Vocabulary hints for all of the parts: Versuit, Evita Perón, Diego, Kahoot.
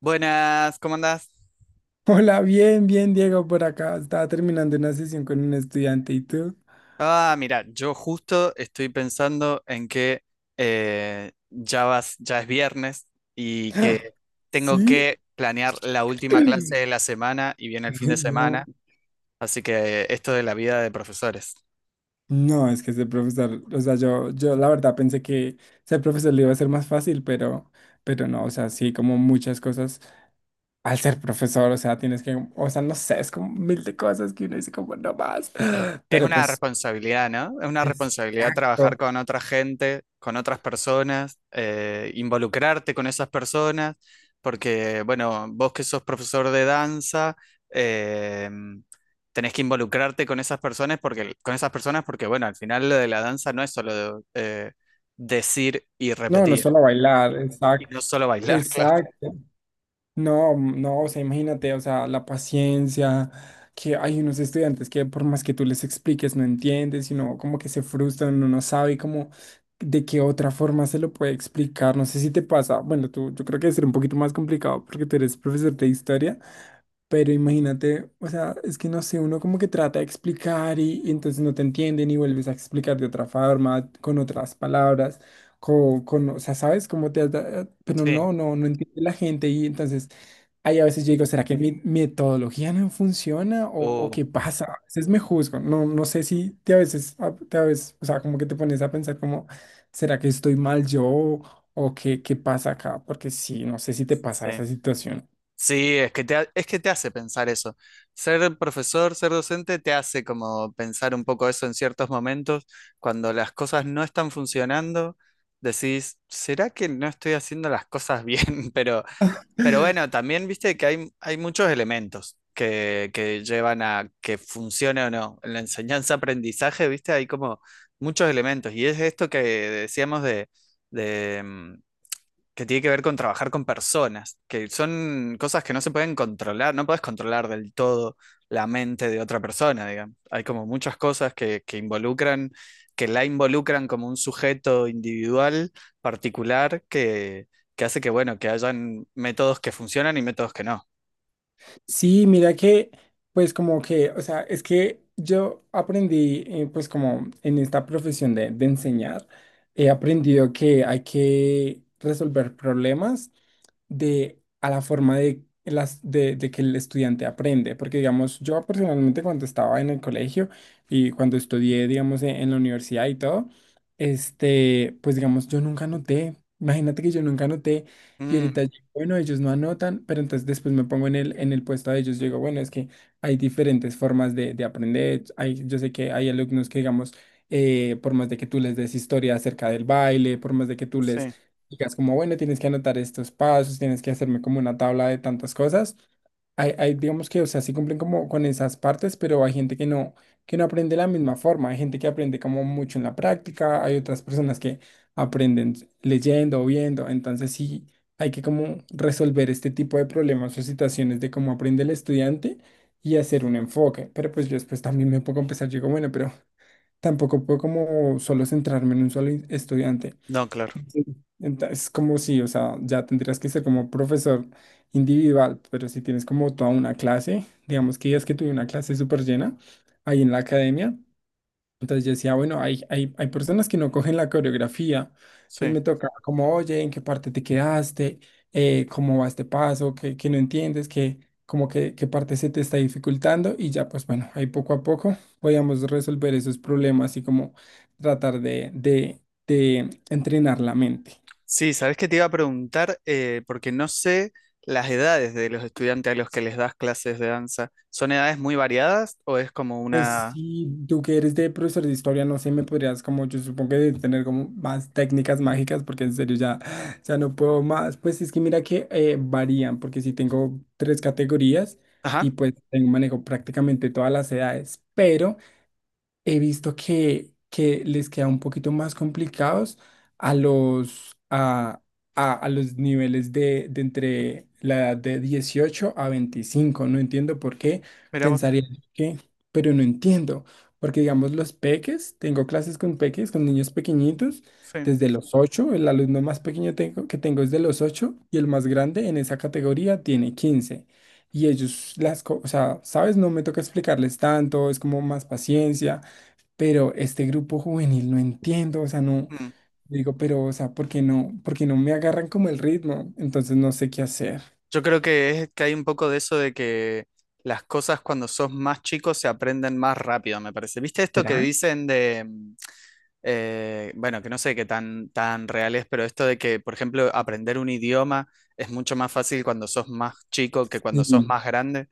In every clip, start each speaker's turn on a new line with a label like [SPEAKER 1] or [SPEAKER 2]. [SPEAKER 1] Buenas, ¿cómo andás?
[SPEAKER 2] Hola, bien, bien, Diego, por acá. Estaba terminando una sesión con un estudiante y tú.
[SPEAKER 1] Ah, mira, yo justo estoy pensando en que ya vas, ya es viernes y que tengo
[SPEAKER 2] ¿Sí?
[SPEAKER 1] que planear la última clase de la semana y viene el fin
[SPEAKER 2] Ay,
[SPEAKER 1] de
[SPEAKER 2] no.
[SPEAKER 1] semana, así que esto de la vida de profesores.
[SPEAKER 2] No, es que ser profesor, o sea, yo la verdad pensé que ser profesor le iba a ser más fácil, pero no, o sea, sí, como muchas cosas. Al ser profesor, o sea, tienes que, o sea, no sé, es como mil de cosas que uno dice como no más.
[SPEAKER 1] Es
[SPEAKER 2] Pero
[SPEAKER 1] una
[SPEAKER 2] pues,
[SPEAKER 1] responsabilidad, ¿no? Es una responsabilidad trabajar
[SPEAKER 2] exacto.
[SPEAKER 1] con otra gente, con otras personas, involucrarte con esas personas, porque, bueno, vos que sos profesor de danza, eh, tenés que involucrarte con esas personas porque, bueno, al final lo de la danza no es solo decir y
[SPEAKER 2] No, no es
[SPEAKER 1] repetir,
[SPEAKER 2] solo bailar,
[SPEAKER 1] y
[SPEAKER 2] exacto.
[SPEAKER 1] no solo bailar, claro.
[SPEAKER 2] Exacto. No, no, o sea, imagínate, o sea, la paciencia, que hay unos estudiantes que por más que tú les expliques no entienden, sino como que se frustran, uno no sabe como de qué otra forma se lo puede explicar, no sé si te pasa, bueno, tú, yo creo que debe un poquito más complicado porque tú eres profesor de historia. Pero imagínate, o sea, es que no sé, uno como que trata de explicar y entonces no te entienden y vuelves a explicar de otra forma, con otras palabras, con o sea, ¿sabes cómo Pero
[SPEAKER 1] Sí.
[SPEAKER 2] no, no, no entiende la gente y entonces ahí a veces yo digo, ¿será que mi metodología no funciona o
[SPEAKER 1] Uh,
[SPEAKER 2] qué pasa? A veces me juzgo, no, no sé si te a veces, o sea, como que te pones a pensar como, ¿será que estoy mal yo o qué pasa acá? Porque sí, no sé si te pasa
[SPEAKER 1] sí.
[SPEAKER 2] esa situación.
[SPEAKER 1] Sí, es que es que te hace pensar eso. Ser profesor, ser docente, te hace como pensar un poco eso en ciertos momentos. Cuando las cosas no están funcionando, decís, ¿será que no estoy haciendo las cosas bien? Pero, pero bueno, también viste que hay muchos elementos que llevan a que funcione o no. En la enseñanza-aprendizaje, viste, hay como muchos elementos. Y es esto que decíamos de, de, mm, que tiene que ver con trabajar con personas, que son cosas que no se pueden controlar, no puedes controlar del todo la mente de otra persona, digamos. Hay como muchas cosas que involucran, que la involucran como un sujeto individual, particular, que hace que, bueno, que hayan métodos que funcionan y métodos que no.
[SPEAKER 2] Sí, mira que, pues como que, o sea, es que yo aprendí, pues como en esta profesión de enseñar, he aprendido que hay que resolver problemas de, a la forma de, las, de que el estudiante aprende. Porque, digamos, yo personalmente cuando estaba en el colegio y cuando estudié, digamos, en, la universidad y todo, pues, digamos, yo nunca anoté. Imagínate que yo nunca anoté. Y ahorita,
[SPEAKER 1] Mm,
[SPEAKER 2] yo, bueno, ellos no anotan, pero entonces después me pongo en el puesto de ellos. Yo digo, bueno, es que hay diferentes formas de aprender. Hay, yo sé que hay alumnos que, digamos, por más de que tú les des historia acerca del baile, por más de que tú les
[SPEAKER 1] sí,
[SPEAKER 2] digas como, bueno, tienes que anotar estos pasos, tienes que hacerme como una tabla de tantas cosas. Digamos que, o sea, sí cumplen como con esas partes, pero hay gente que no aprende de la misma forma. Hay gente que aprende como mucho en la práctica, hay otras personas que aprenden leyendo o viendo. Entonces sí hay que como resolver este tipo de problemas o situaciones de cómo aprende el estudiante y hacer un enfoque. Pero pues yo después también me pongo a empezar, yo digo, bueno, pero tampoco puedo como solo centrarme en un solo estudiante.
[SPEAKER 1] no, claro,
[SPEAKER 2] Es como si, o sea, ya tendrías que ser como profesor individual, pero si tienes como toda una clase, digamos que ya es que tuve una clase súper llena ahí en la academia, entonces yo decía, bueno, hay personas que no cogen la coreografía, entonces
[SPEAKER 1] sí.
[SPEAKER 2] me toca como, oye, ¿en qué parte te quedaste? ¿Cómo va este paso? ¿Qué no entiendes? ¿Qué, como que, qué parte se te está dificultando? Y ya, pues bueno, ahí poco a poco podíamos resolver esos problemas y como tratar de entrenar la mente.
[SPEAKER 1] Sí, sabes que te iba a preguntar, porque no sé las edades de los estudiantes a los que les das clases de danza. ¿Son edades muy variadas o es como
[SPEAKER 2] Pues
[SPEAKER 1] una...
[SPEAKER 2] si tú que eres de profesor de historia, no sé, me podrías como, yo supongo que debes tener como más técnicas mágicas, porque en serio ya no puedo más. Pues es que mira que varían, porque si tengo tres categorías y
[SPEAKER 1] Ajá,
[SPEAKER 2] pues tengo, manejo prácticamente todas las edades, pero he visto que, les queda un poquito más complicados a los, a, a los niveles de entre la edad de 18 a 25. No entiendo por qué.
[SPEAKER 1] mira vos.
[SPEAKER 2] Pensaría que, pero no entiendo. Porque, digamos, los peques, tengo clases con peques, con niños pequeñitos,
[SPEAKER 1] Sí.
[SPEAKER 2] desde los 8. El alumno más pequeño que tengo es de los 8 y el más grande en esa categoría tiene 15. Y ellos, o sea, ¿sabes? No me toca explicarles tanto, es como más paciencia pero este grupo juvenil no entiendo, o sea, no,
[SPEAKER 1] Mm.
[SPEAKER 2] digo, pero, o sea, ¿por qué no, me agarran como el ritmo? Entonces no sé qué hacer.
[SPEAKER 1] Yo creo que es que hay un poco de eso de que las cosas cuando sos más chico se aprenden más rápido, me parece. ¿Viste esto que
[SPEAKER 2] ¿Será?
[SPEAKER 1] dicen de... bueno, que no sé qué tan, tan real es, pero esto de que, por ejemplo, aprender un idioma es mucho más fácil cuando sos más chico que cuando sos
[SPEAKER 2] Sí,
[SPEAKER 1] más grande.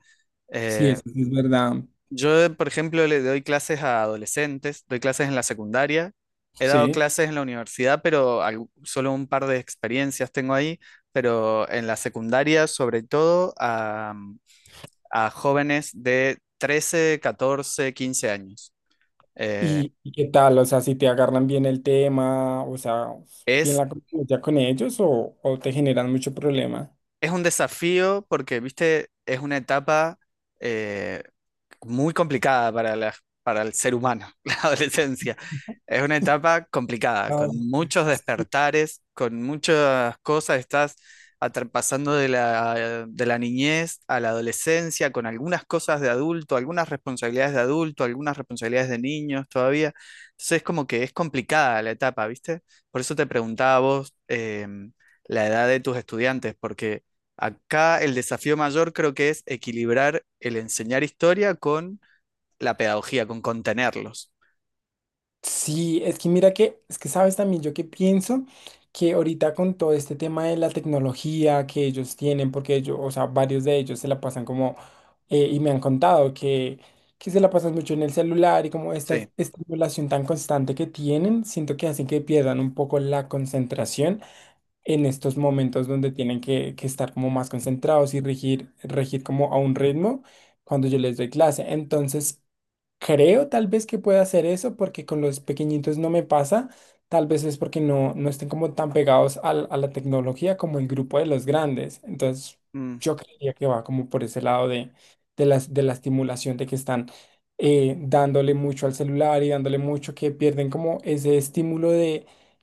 [SPEAKER 2] sí,
[SPEAKER 1] Eh,
[SPEAKER 2] eso sí es verdad.
[SPEAKER 1] Yo, por ejemplo, le doy clases a adolescentes, doy clases en la secundaria, he dado
[SPEAKER 2] Sí.
[SPEAKER 1] clases en la universidad, pero solo un par de experiencias tengo ahí, pero en la secundaria sobre todo a jóvenes de 13, 14, 15 años. Eh,
[SPEAKER 2] ¿Y qué tal? O sea, si te agarran bien el tema, o sea, bien
[SPEAKER 1] es,
[SPEAKER 2] la convivencia con ellos o te generan mucho problema.
[SPEAKER 1] es un desafío porque, viste, es una etapa, eh, muy complicada para para el ser humano, la adolescencia. Es una etapa complicada, con muchos despertares, con muchas cosas. Estás pasando de la niñez a la adolescencia, con algunas cosas de adulto, algunas responsabilidades de adulto, algunas responsabilidades de niños todavía. Entonces es como que es complicada la etapa, ¿viste? Por eso te preguntaba a vos la edad de tus estudiantes, porque acá el desafío mayor creo que es equilibrar el enseñar historia con la pedagogía, con contenerlos.
[SPEAKER 2] Sí, es que mira que, es que sabes también yo que pienso que ahorita con todo este tema de la tecnología que ellos tienen, porque ellos, o sea, varios de ellos se la pasan como, y me han contado que, se la pasan mucho en el celular y como esta
[SPEAKER 1] Sí.
[SPEAKER 2] estimulación tan constante que tienen, siento que hacen que pierdan un poco la concentración en estos momentos donde tienen que estar como más concentrados y regir, regir como a un ritmo cuando yo les doy clase. Entonces, creo tal vez que pueda hacer eso porque con los pequeñitos no me pasa. Tal vez es porque no, estén como tan pegados a la tecnología como el grupo de los grandes. Entonces,
[SPEAKER 1] Mm.
[SPEAKER 2] yo creía que va como por ese lado de las, de la estimulación de que están dándole mucho al celular y dándole mucho que pierden como ese estímulo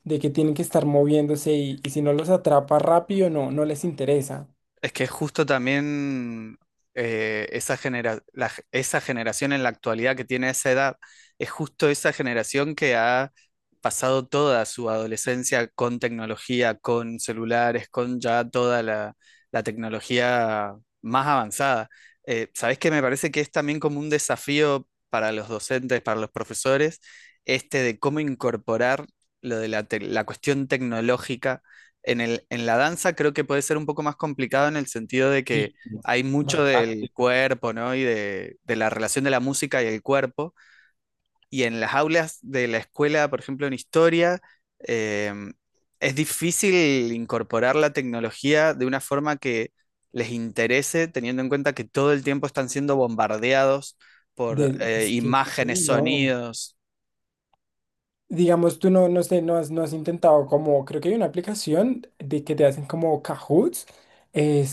[SPEAKER 2] de que tienen que estar moviéndose y si no los atrapa rápido, no les interesa.
[SPEAKER 1] Es que justo también esa generación en la actualidad que tiene esa edad, es justo esa generación que ha pasado toda su adolescencia con tecnología, con celulares, con ya toda la, la tecnología más avanzada. ¿Sabés qué? Me parece que es también como un desafío para los docentes, para los profesores, este de cómo incorporar lo de la cuestión tecnológica en el, en la danza creo que puede ser un poco más complicado en el sentido de
[SPEAKER 2] Sí,
[SPEAKER 1] que hay mucho del
[SPEAKER 2] bastante.
[SPEAKER 1] cuerpo, ¿no? Y de la relación de la música y el cuerpo. Y en las aulas de la escuela, por ejemplo, en historia, eh, es difícil incorporar la tecnología de una forma que les interese, teniendo en cuenta que todo el tiempo están siendo bombardeados por
[SPEAKER 2] Es que
[SPEAKER 1] imágenes,
[SPEAKER 2] sí, no.
[SPEAKER 1] sonidos.
[SPEAKER 2] Digamos, tú no, no sé, no has intentado como, creo que hay una aplicación de que te hacen como Cahoots,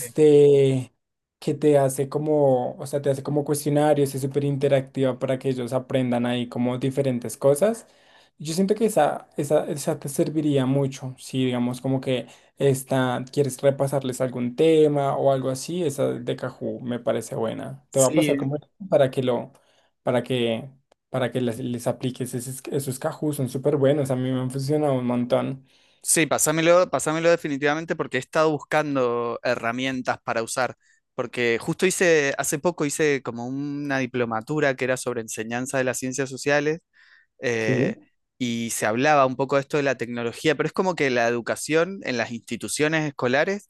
[SPEAKER 1] Sí.
[SPEAKER 2] que te hace como, o sea, te hace como cuestionarios, es súper interactiva para que ellos aprendan ahí como diferentes cosas. Yo siento que esa te serviría mucho, si digamos como que esta, quieres repasarles algún tema o algo así, esa de Kahoot me parece buena. Te va a pasar
[SPEAKER 1] Sí.
[SPEAKER 2] como para que lo, para que para que les apliques esos Kahoot, son súper buenos, a mí me han funcionado un montón.
[SPEAKER 1] Sí, pásamelo, pásamelo definitivamente porque he estado buscando herramientas para usar, porque hace poco hice como una diplomatura que era sobre enseñanza de las ciencias sociales eh,
[SPEAKER 2] Sí.
[SPEAKER 1] y se hablaba un poco de esto de la tecnología, pero es como que la educación en las instituciones escolares,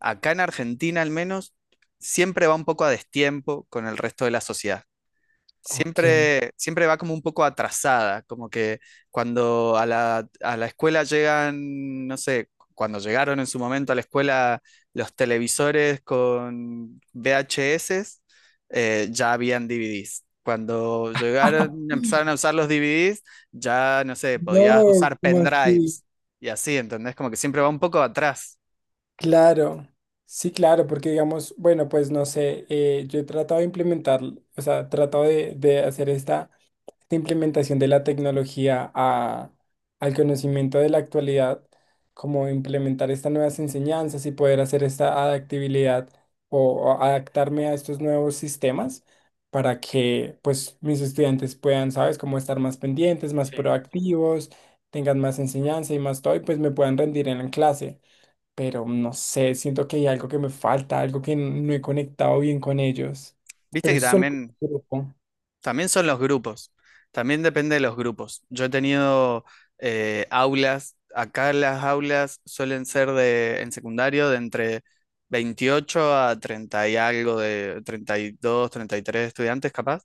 [SPEAKER 1] acá en Argentina al menos, siempre va un poco a destiempo con el resto de la sociedad
[SPEAKER 2] Ok.
[SPEAKER 1] siempre va como un poco atrasada, como que cuando a a la escuela llegan, no sé, cuando llegaron en su momento a la escuela los televisores con VHS, ya habían DVDs. Cuando llegaron, empezaron a usar los DVDs, ya, no sé, podías
[SPEAKER 2] No,
[SPEAKER 1] usar
[SPEAKER 2] ¿cómo así?
[SPEAKER 1] pendrives y así, ¿entendés? Como que siempre va un poco atrás.
[SPEAKER 2] Claro, sí, claro, porque digamos, bueno, pues no sé, yo he tratado de implementar, o sea, he tratado de hacer esta la implementación de la tecnología al conocimiento de la actualidad, como implementar estas nuevas enseñanzas y poder hacer esta adaptabilidad o adaptarme a estos nuevos sistemas para que pues mis estudiantes puedan, ¿sabes?, cómo estar más pendientes, más
[SPEAKER 1] Sí.
[SPEAKER 2] proactivos, tengan más enseñanza y más todo y pues me puedan rendir en la clase. Pero no sé, siento que hay algo que me falta, algo que no he conectado bien con ellos.
[SPEAKER 1] Viste
[SPEAKER 2] Pero
[SPEAKER 1] que
[SPEAKER 2] es solo
[SPEAKER 1] también
[SPEAKER 2] grupo.
[SPEAKER 1] también son los grupos, también depende de los grupos. Yo he tenido aulas, acá las aulas suelen ser de, en secundario de entre 28 a 30 y algo, de 30, 32, 33 estudiantes capaz,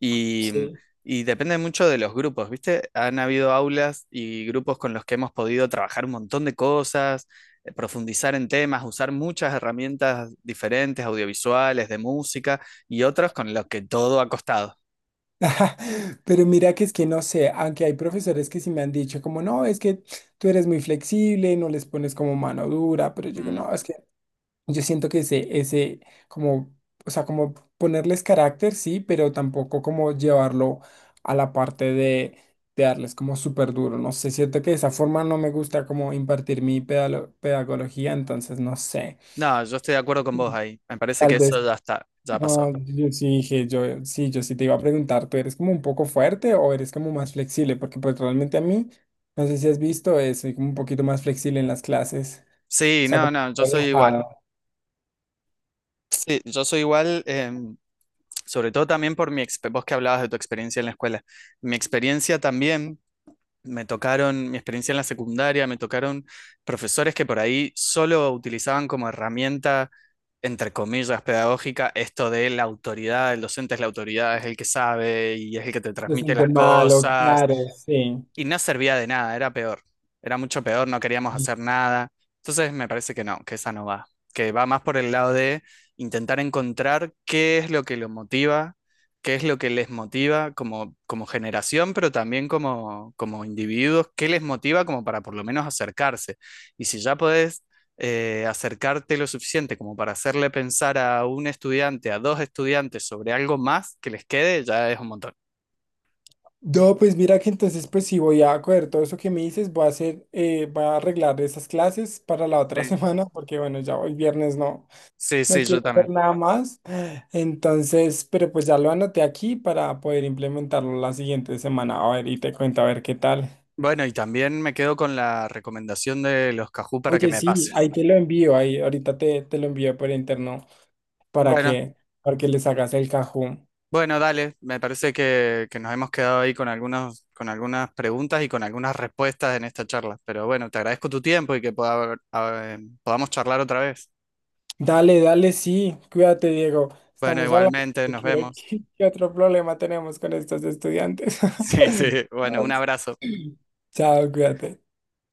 [SPEAKER 1] y,
[SPEAKER 2] Sí.
[SPEAKER 1] y depende mucho de los grupos, ¿viste? Han habido aulas y grupos con los que hemos podido trabajar un montón de cosas, profundizar en temas, usar muchas herramientas diferentes, audiovisuales, de música, y otros con los que todo ha costado.
[SPEAKER 2] Ajá, pero mira que es que no sé, aunque hay profesores que sí me han dicho como, no, es que tú eres muy flexible, no les pones como mano dura, pero yo digo,
[SPEAKER 1] Mm.
[SPEAKER 2] no, es que yo siento que como, o sea, como ponerles carácter, sí, pero tampoco como llevarlo a la parte de darles como súper duro, no sé, siento que de esa forma no me gusta como impartir mi pedagogía, entonces no sé,
[SPEAKER 1] No, yo estoy de acuerdo con vos ahí. Me parece
[SPEAKER 2] tal
[SPEAKER 1] que eso
[SPEAKER 2] vez.
[SPEAKER 1] ya está, ya pasó.
[SPEAKER 2] No, yo sí dije, yo sí te iba a preguntar, ¿tú eres como un poco fuerte o eres como más flexible? Porque pues realmente a mí, no sé si has visto, soy como un poquito más flexible en las clases.
[SPEAKER 1] Sí,
[SPEAKER 2] O sea,
[SPEAKER 1] no,
[SPEAKER 2] como
[SPEAKER 1] no, yo soy igual.
[SPEAKER 2] relajado,
[SPEAKER 1] Sí, yo soy igual, sobre todo también por mi experiencia, vos que hablabas de tu experiencia en la escuela. Mi experiencia también, me tocaron, mi experiencia en la secundaria, me tocaron profesores que por ahí solo utilizaban como herramienta, entre comillas, pedagógica, esto de la autoridad, el docente es la autoridad, es el que sabe y es el que te
[SPEAKER 2] se
[SPEAKER 1] transmite
[SPEAKER 2] siente
[SPEAKER 1] las
[SPEAKER 2] malo,
[SPEAKER 1] cosas.
[SPEAKER 2] claro, sí.
[SPEAKER 1] Y no servía de nada, era peor. Era mucho peor, no queríamos
[SPEAKER 2] Sí.
[SPEAKER 1] hacer nada. Entonces me parece que no, que esa no va. Que va más por el lado de intentar encontrar qué es lo que lo motiva, qué es lo que les motiva como, como generación, pero también como, como individuos, qué les motiva como para por lo menos acercarse. Y si ya podés acercarte lo suficiente como para hacerle pensar a un estudiante, a dos estudiantes sobre algo más que les quede, ya es un montón.
[SPEAKER 2] No, pues mira que entonces pues sí voy a coger todo eso que me dices, voy a hacer, voy a arreglar esas clases para la otra
[SPEAKER 1] Sí.
[SPEAKER 2] semana, porque bueno, ya hoy viernes no.
[SPEAKER 1] Sí,
[SPEAKER 2] No
[SPEAKER 1] sí, yo
[SPEAKER 2] quiero hacer
[SPEAKER 1] también.
[SPEAKER 2] nada más. Entonces, pero pues ya lo anoté aquí para poder implementarlo la siguiente semana. A ver, y te cuento a ver qué tal.
[SPEAKER 1] Bueno, y también me quedo con la recomendación de los Cajú para que
[SPEAKER 2] Oye,
[SPEAKER 1] me
[SPEAKER 2] sí,
[SPEAKER 1] pases.
[SPEAKER 2] ahí te lo envío, ahí ahorita te lo envío por interno para
[SPEAKER 1] Bueno,
[SPEAKER 2] que, para que les hagas el cajón.
[SPEAKER 1] bueno, dale. Me parece que nos hemos quedado ahí con algunos, con algunas preguntas y con algunas respuestas en esta charla. Pero bueno, te agradezco tu tiempo y que podamos charlar otra vez.
[SPEAKER 2] Dale, dale, sí, cuídate, Diego.
[SPEAKER 1] Bueno,
[SPEAKER 2] Estamos hablando
[SPEAKER 1] igualmente,
[SPEAKER 2] de
[SPEAKER 1] nos vemos.
[SPEAKER 2] qué otro problema tenemos con estos estudiantes.
[SPEAKER 1] Sí, sí. Bueno, un abrazo.
[SPEAKER 2] Chao, cuídate.